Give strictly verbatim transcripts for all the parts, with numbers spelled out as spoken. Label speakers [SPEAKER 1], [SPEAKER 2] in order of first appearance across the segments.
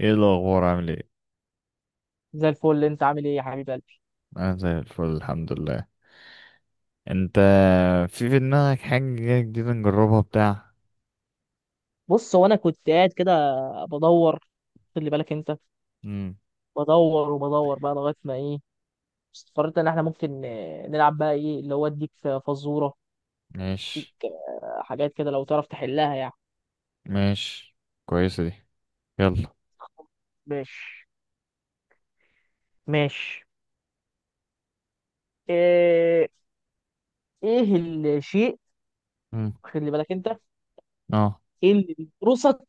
[SPEAKER 1] ايه الاخبار عامل ايه؟
[SPEAKER 2] زي الفل، انت عامل ايه يا حبيب قلبي؟
[SPEAKER 1] انا زي الفل الحمد لله. انت؟ في في دماغك حاجه جديده نجربها بتاع؟
[SPEAKER 2] بص، هو انا كنت قاعد كده بدور. خلي بالك انت.
[SPEAKER 1] امم
[SPEAKER 2] بدور وبدور بقى لغايه ما ايه، استقريت ان احنا ممكن آه، نلعب بقى، ايه اللي هو اديك فزوره. اديك
[SPEAKER 1] ماشي.
[SPEAKER 2] آه، حاجات كده لو تعرف تحلها يعني.
[SPEAKER 1] ماشي. كويسه دي. يلا.
[SPEAKER 2] ماشي. ماشي. ايه؟ ايه الشيء؟
[SPEAKER 1] امم
[SPEAKER 2] خلي بالك انت.
[SPEAKER 1] اه.
[SPEAKER 2] ايه اللي بيقرصك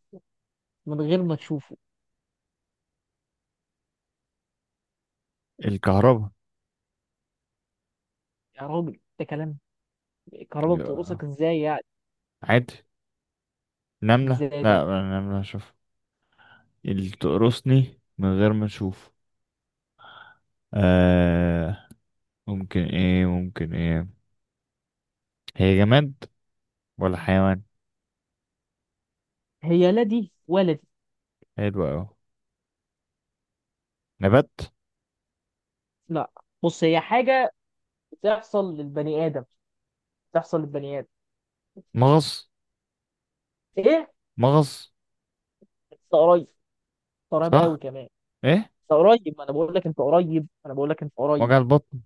[SPEAKER 2] من غير ما تشوفه؟
[SPEAKER 1] الكهرباء.
[SPEAKER 2] يا راجل ده كلام! الكهرباء
[SPEAKER 1] يا.
[SPEAKER 2] بتقرصك ازاي يعني؟
[SPEAKER 1] عادي. نمله،
[SPEAKER 2] ازاي؟ طيب.
[SPEAKER 1] لا نمله اشوف. اللي تقرصني من غير ما اشوف. آه ممكن ايه، ممكن ايه؟ هي جماد ولا حيوان؟
[SPEAKER 2] هي لا دي ولا دي.
[SPEAKER 1] حلو اوي. نبات؟
[SPEAKER 2] لا. بص، هي حاجه بتحصل للبني ادم، بتحصل للبني ادم.
[SPEAKER 1] مغص.
[SPEAKER 2] ايه؟
[SPEAKER 1] مغص.
[SPEAKER 2] انت قريب. انت قريب
[SPEAKER 1] صح.
[SPEAKER 2] قوي كمان.
[SPEAKER 1] ايه؟
[SPEAKER 2] انت قريب، ما انا بقول لك انت قريب، انا بقول لك انت قريب.
[SPEAKER 1] وجع البطن.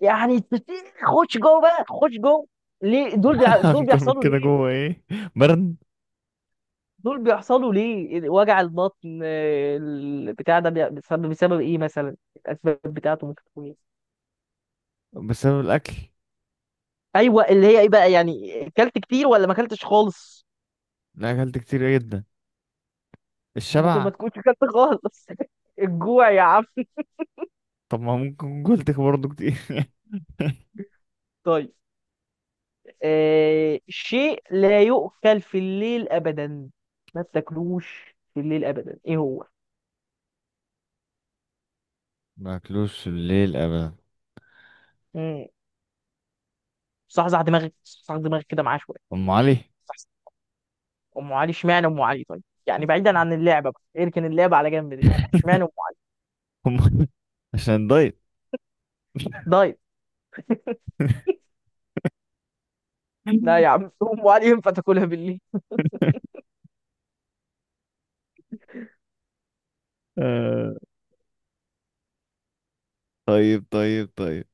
[SPEAKER 2] يعني تت- خش جوه بقى، خش جوه. ليه دول بيع... دول
[SPEAKER 1] اكتر من
[SPEAKER 2] بيحصلوا
[SPEAKER 1] كده
[SPEAKER 2] ليه؟
[SPEAKER 1] جوه ايه؟ برد؟
[SPEAKER 2] دول بيحصلوا ليه وجع البطن؟ آه، البتاع ده بي- بسبب بسبب ايه مثلا؟ الاسباب بتاعته ممكن تكون ايه؟
[SPEAKER 1] بسبب الاكل.
[SPEAKER 2] ايوه، اللي هي ايه بقى؟ يعني اكلت كتير ولا ما اكلتش خالص؟
[SPEAKER 1] لا، اكلت كتير جدا.
[SPEAKER 2] ممكن
[SPEAKER 1] الشبع.
[SPEAKER 2] ما تكونش اكلت خالص. الجوع يا عم.
[SPEAKER 1] طب ما ممكن أكون قلت برضه كتير.
[SPEAKER 2] طيب. آه شيء لا يؤكل في الليل أبدا. ما تاكلوش في الليل أبدا، إيه هو؟
[SPEAKER 1] ما اكلوش الليل ابدا.
[SPEAKER 2] مم. صحصح دماغك، صحصح دماغك كده معاه شوية.
[SPEAKER 1] ام علي.
[SPEAKER 2] صحصح. أم علي. اشمعنى أم علي طيب؟ يعني بعيدا عن اللعبة بقى، اركن اللعبة على جنب دلوقتي، اشمعنى أم علي؟
[SPEAKER 1] ام علي عشان الدايت.
[SPEAKER 2] دايت؟ لا يا عم. أم علي ينفع تاكلها بالليل؟
[SPEAKER 1] آه، طيب طيب طيب.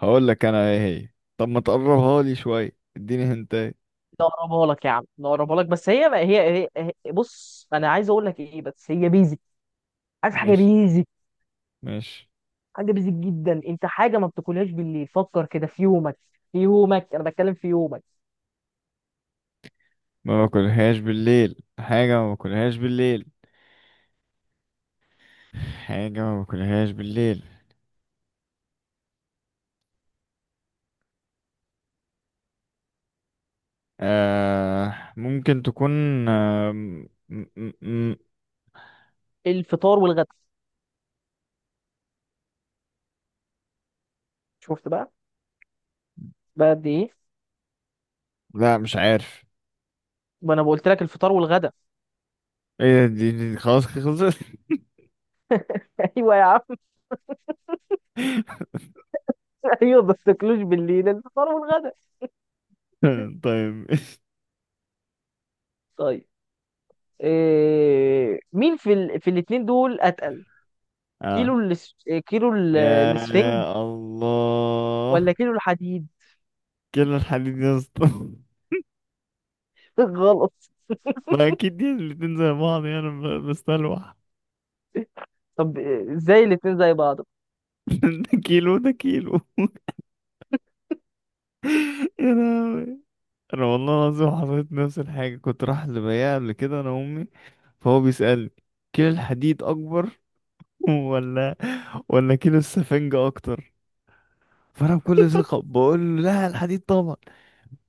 [SPEAKER 1] هقول لك انا ايه هي. طب ما تقربها لي شويه، اديني هنتاي.
[SPEAKER 2] لا اقربها لك يا عم، لا اقربها لك، بس هي ما هي, هي, هي بص، انا عايز اقول لك ايه، بس هي بيزك. عارف حاجه
[SPEAKER 1] ماشي.
[SPEAKER 2] بيزك؟
[SPEAKER 1] ماشي.
[SPEAKER 2] حاجه بيزك جدا. انت حاجه ما بتاكلهاش بالليل، فكر كده في يومك. في يومك، انا بتكلم في يومك.
[SPEAKER 1] ما باكلهاش بالليل، حاجه ما باكلهاش بالليل، حاجه ما باكلهاش بالليل. آه ممكن تكون. آه م م م
[SPEAKER 2] الفطار والغدا. شفت بقى؟ بقى قد ايه؟
[SPEAKER 1] لا مش عارف.
[SPEAKER 2] ما انا قلت لك الفطار والغدا.
[SPEAKER 1] ايه دي, دي خلاص خلصت.
[SPEAKER 2] ايوه يا عم. ايوه، ما تاكلوش بالليل الفطار والغدا.
[SPEAKER 1] طيب.
[SPEAKER 2] طيب. إيه... مين في ال... في الاثنين دول اتقل؟
[SPEAKER 1] اه.
[SPEAKER 2] كيلو الاس... كيلو ال- الاسفنج
[SPEAKER 1] يا
[SPEAKER 2] ولا
[SPEAKER 1] الله.
[SPEAKER 2] كيلو الحديد؟
[SPEAKER 1] كل الحديد يا اسطى.
[SPEAKER 2] غلط.
[SPEAKER 1] ما اكيد دي الاتنين زي بعض يعني، انا بستلوح.
[SPEAKER 2] طب إيه، ازاي الاثنين زي بعض؟
[SPEAKER 1] ده كيلو، ده كيلو. يا لهوي. انا والله العظيم حصلت نفس الحاجه. كنت رايح لبياع قبل كده انا وامي، فهو بيسالني: كيلو الحديد اكبر ولا ولا كيلو السفنجة اكتر؟ فانا بكل ثقة بقول له: لا الحديد طبعا.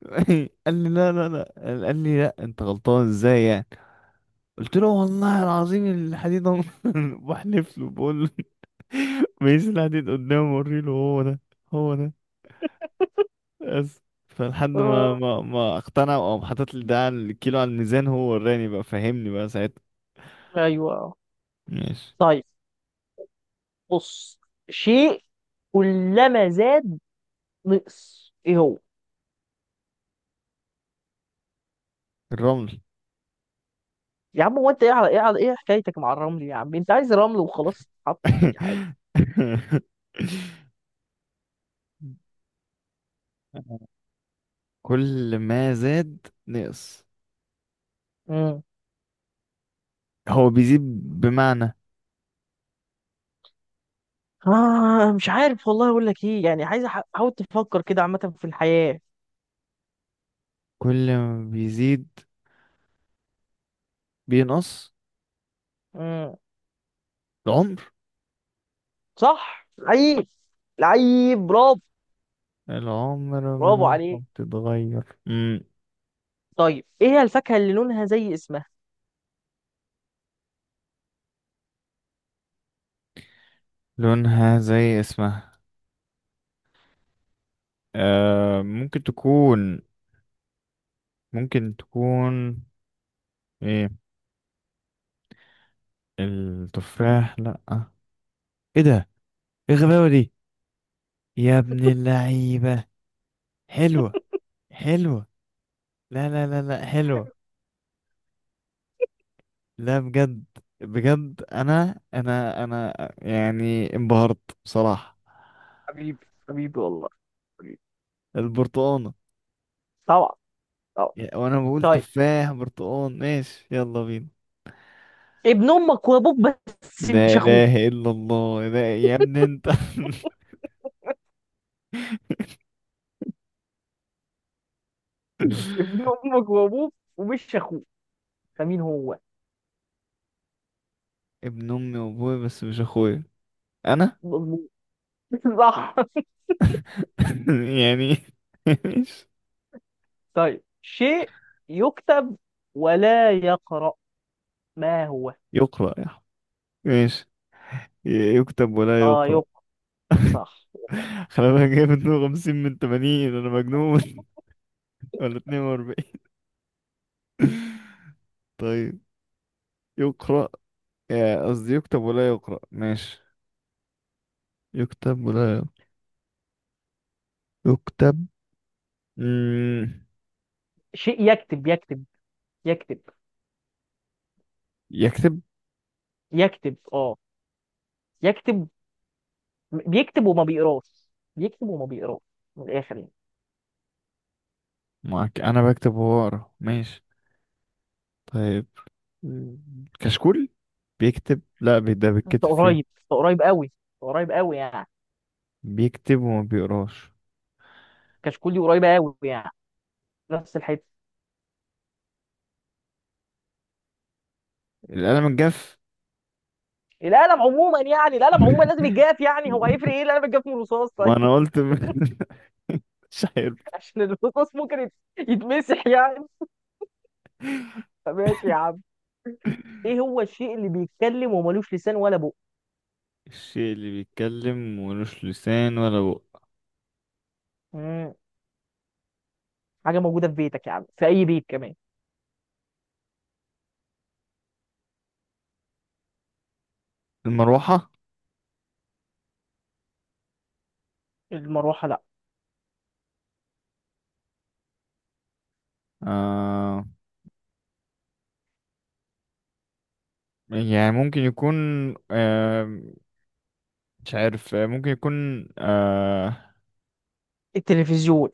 [SPEAKER 1] قال لي: لا لا لا. قال لي: لا انت غلطان. ازاي يعني؟ قلت له: والله العظيم الحديد. بحلف له بقول له. ميس الحديد قدامه وري له: هو ده، هو ده بس. فلحد ما
[SPEAKER 2] آه...
[SPEAKER 1] ما ما اقتنع، او حاطط لي ده على الكيلو على الميزان هو وراني بقى فهمني بقى ساعتها.
[SPEAKER 2] ايوه.
[SPEAKER 1] ماشي.
[SPEAKER 2] طيب. بص، شيء كلما زاد نقص، ايه هو؟
[SPEAKER 1] الرمل.
[SPEAKER 2] يا عم، هو انت ايه على ايه على ايه حكايتك مع الرمل؟ يا عم، انت عايز رمل وخلاص تتحط في اي حاجه؟
[SPEAKER 1] كل ما زاد نقص.
[SPEAKER 2] امم
[SPEAKER 1] هو بيزيد بمعنى.
[SPEAKER 2] آه مش عارف والله، اقول لك ايه يعني، عايز أح- احاول تفكر كده عامه في الحياه.
[SPEAKER 1] كل ما بيزيد بينقص.
[SPEAKER 2] امم
[SPEAKER 1] العمر.
[SPEAKER 2] صح. لعيب، لعيب، برافو.
[SPEAKER 1] العمر
[SPEAKER 2] برافو
[SPEAKER 1] ملامحه
[SPEAKER 2] عليك.
[SPEAKER 1] بتتغير. مم.
[SPEAKER 2] طيب، ايه هي الفاكهه اللي لونها زي اسمها؟
[SPEAKER 1] لونها زي اسمها. آه ممكن تكون، ممكن تكون ايه؟ التفاح لأ. ايه ده؟ ايه الغباوة دي؟ يا ابن اللعيبة. حلوة حلوة. لا لا لا لا، حلوة. لا بجد، بجد، انا انا انا يعني انبهرت بصراحة.
[SPEAKER 2] حبيبي، حبيبي والله. حبيبي.
[SPEAKER 1] البرتقانة.
[SPEAKER 2] طبعا، طبعا.
[SPEAKER 1] يا- وانا بقول
[SPEAKER 2] طيب،
[SPEAKER 1] تفاح برتقان. ماشي، يلا بينا.
[SPEAKER 2] ابن امك وابوك بس
[SPEAKER 1] لا
[SPEAKER 2] مش اخوك،
[SPEAKER 1] اله الا الله. لا يا ابني انت.
[SPEAKER 2] ابن امك وابوك ومش اخوك، فمين هو؟
[SPEAKER 1] ابن امي وابوي بس مش اخويا، انا.
[SPEAKER 2] مظبوط. صح.
[SPEAKER 1] يعني. ماشي.
[SPEAKER 2] طيب، شيء يكتب ولا يقرأ؟ ما هو؟
[SPEAKER 1] يقرأ يا أحمد. ماشي. ي- يكتب ولا
[SPEAKER 2] اه،
[SPEAKER 1] يقرأ.
[SPEAKER 2] يكتب. صح.
[SPEAKER 1] خلي بالك جايب اتنين وخمسين من تمانين، انا مجنون؟ ولا اتنين واربعين. طيب. يقرأ، يا قصدي يكتب ولا يقرأ. ماشي. يكتب ولا يق- يكتب. مم.
[SPEAKER 2] شيء يكتب، يكتب. يكتب.
[SPEAKER 1] يكتب.
[SPEAKER 2] يكتب اه. يكتب. بيكتب وما بيقراش، بيكتب وما بيقراش، من الاخر يعني.
[SPEAKER 1] معك، أنا بكتب وهو يقرأ. ماشي. طيب. مم. كشكول. بيكتب، لا بي- ده
[SPEAKER 2] انت
[SPEAKER 1] بيتكتب فيه.
[SPEAKER 2] قريب، انت قريب قوي، أنت قريب قوي يعني.
[SPEAKER 1] بيكتب وما بيقراش.
[SPEAKER 2] كشكولي قريبه قوي يعني، نفس الحته.
[SPEAKER 1] القلم الجاف.
[SPEAKER 2] القلم عموما، يعني القلم عموما لازم يتجاف، يعني هو هيفرق ايه القلم يتجاف من الرصاص؟ طيب.
[SPEAKER 1] ما أنا قلت م- مش عارف.
[SPEAKER 2] عشان الرصاص ممكن يت- يتمسح يعني، فماشي يا عم. ايه هو الشيء اللي بيتكلم وملوش لسان ولا بق؟
[SPEAKER 1] الشيء اللي بيتكلم ملوش لسان ولا بق.
[SPEAKER 2] مم. حاجه موجوده في بيتك يا عم، في اي بيت كمان.
[SPEAKER 1] المروحة.
[SPEAKER 2] المروحه لا.
[SPEAKER 1] آه يعني ممكن يكون. آه مش عارف. آه، ممكن يكون. آه
[SPEAKER 2] التلفزيون؟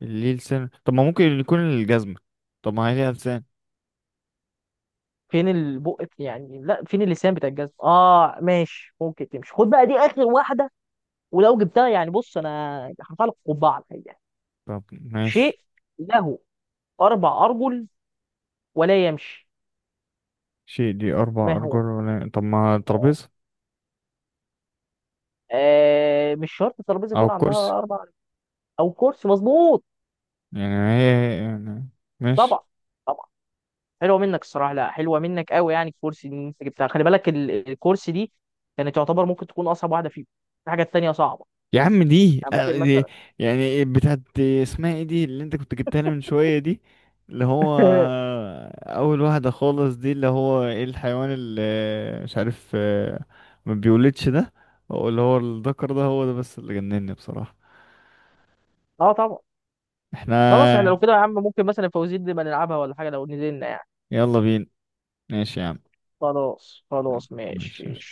[SPEAKER 1] ليه لسان؟ طب ما ممكن يكون الجزمة. طب ما هي ليها لسان.
[SPEAKER 2] فين البق يعني؟ لا فين اللسان بتاع الجزم؟ اه ماشي، ممكن تمشي. خد بقى دي اخر واحده، ولو جبتها يعني، بص، انا هرفع لك قبعه على الحقيقه.
[SPEAKER 1] طب ماشي.
[SPEAKER 2] شيء له اربع ارجل ولا يمشي،
[SPEAKER 1] شيء دي أربع
[SPEAKER 2] ما
[SPEAKER 1] أرجل
[SPEAKER 2] هو؟
[SPEAKER 1] ولا طب ما
[SPEAKER 2] آه
[SPEAKER 1] الترابيزة.
[SPEAKER 2] آه، مش شرط الترابيزه
[SPEAKER 1] أو
[SPEAKER 2] يكون عندها
[SPEAKER 1] الكرسي.
[SPEAKER 2] اربع أرجل، او كرسي. مظبوط.
[SPEAKER 1] يعني هي هي- يعني
[SPEAKER 2] طبعا،
[SPEAKER 1] ماشي.
[SPEAKER 2] طبعا. حلوه منك الصراحه، لا حلوه منك قوي يعني. الكورس اللي انت جبتها خلي بالك، ال- الكورس دي كانت تعتبر ممكن تكون اصعب واحده فيهم. في حاجات تانية صعبه
[SPEAKER 1] يا عم دي,
[SPEAKER 2] يعني،
[SPEAKER 1] آه،
[SPEAKER 2] ممكن
[SPEAKER 1] دي
[SPEAKER 2] مثلا.
[SPEAKER 1] يعني بتاعت، اسمها ايه دي اللي انت كنت جبتها لي من شوية؟ دي اللي هو أول واحدة خالص، دي اللي هو ايه الحيوان اللي مش عارف آه، ما بيولدش ده، اللي هو الذكر ده. هو ده بس اللي جنني بصراحة.
[SPEAKER 2] اه طبعا. خلاص، احنا
[SPEAKER 1] احنا
[SPEAKER 2] لو كده يا عم ممكن مثلا فوزير دي ما نلعبها ولا حاجه، لو نزلنا يعني.
[SPEAKER 1] يلا بينا. ماشي يا عم.
[SPEAKER 2] خلاص، خلاص، ماشي.
[SPEAKER 1] ماشي.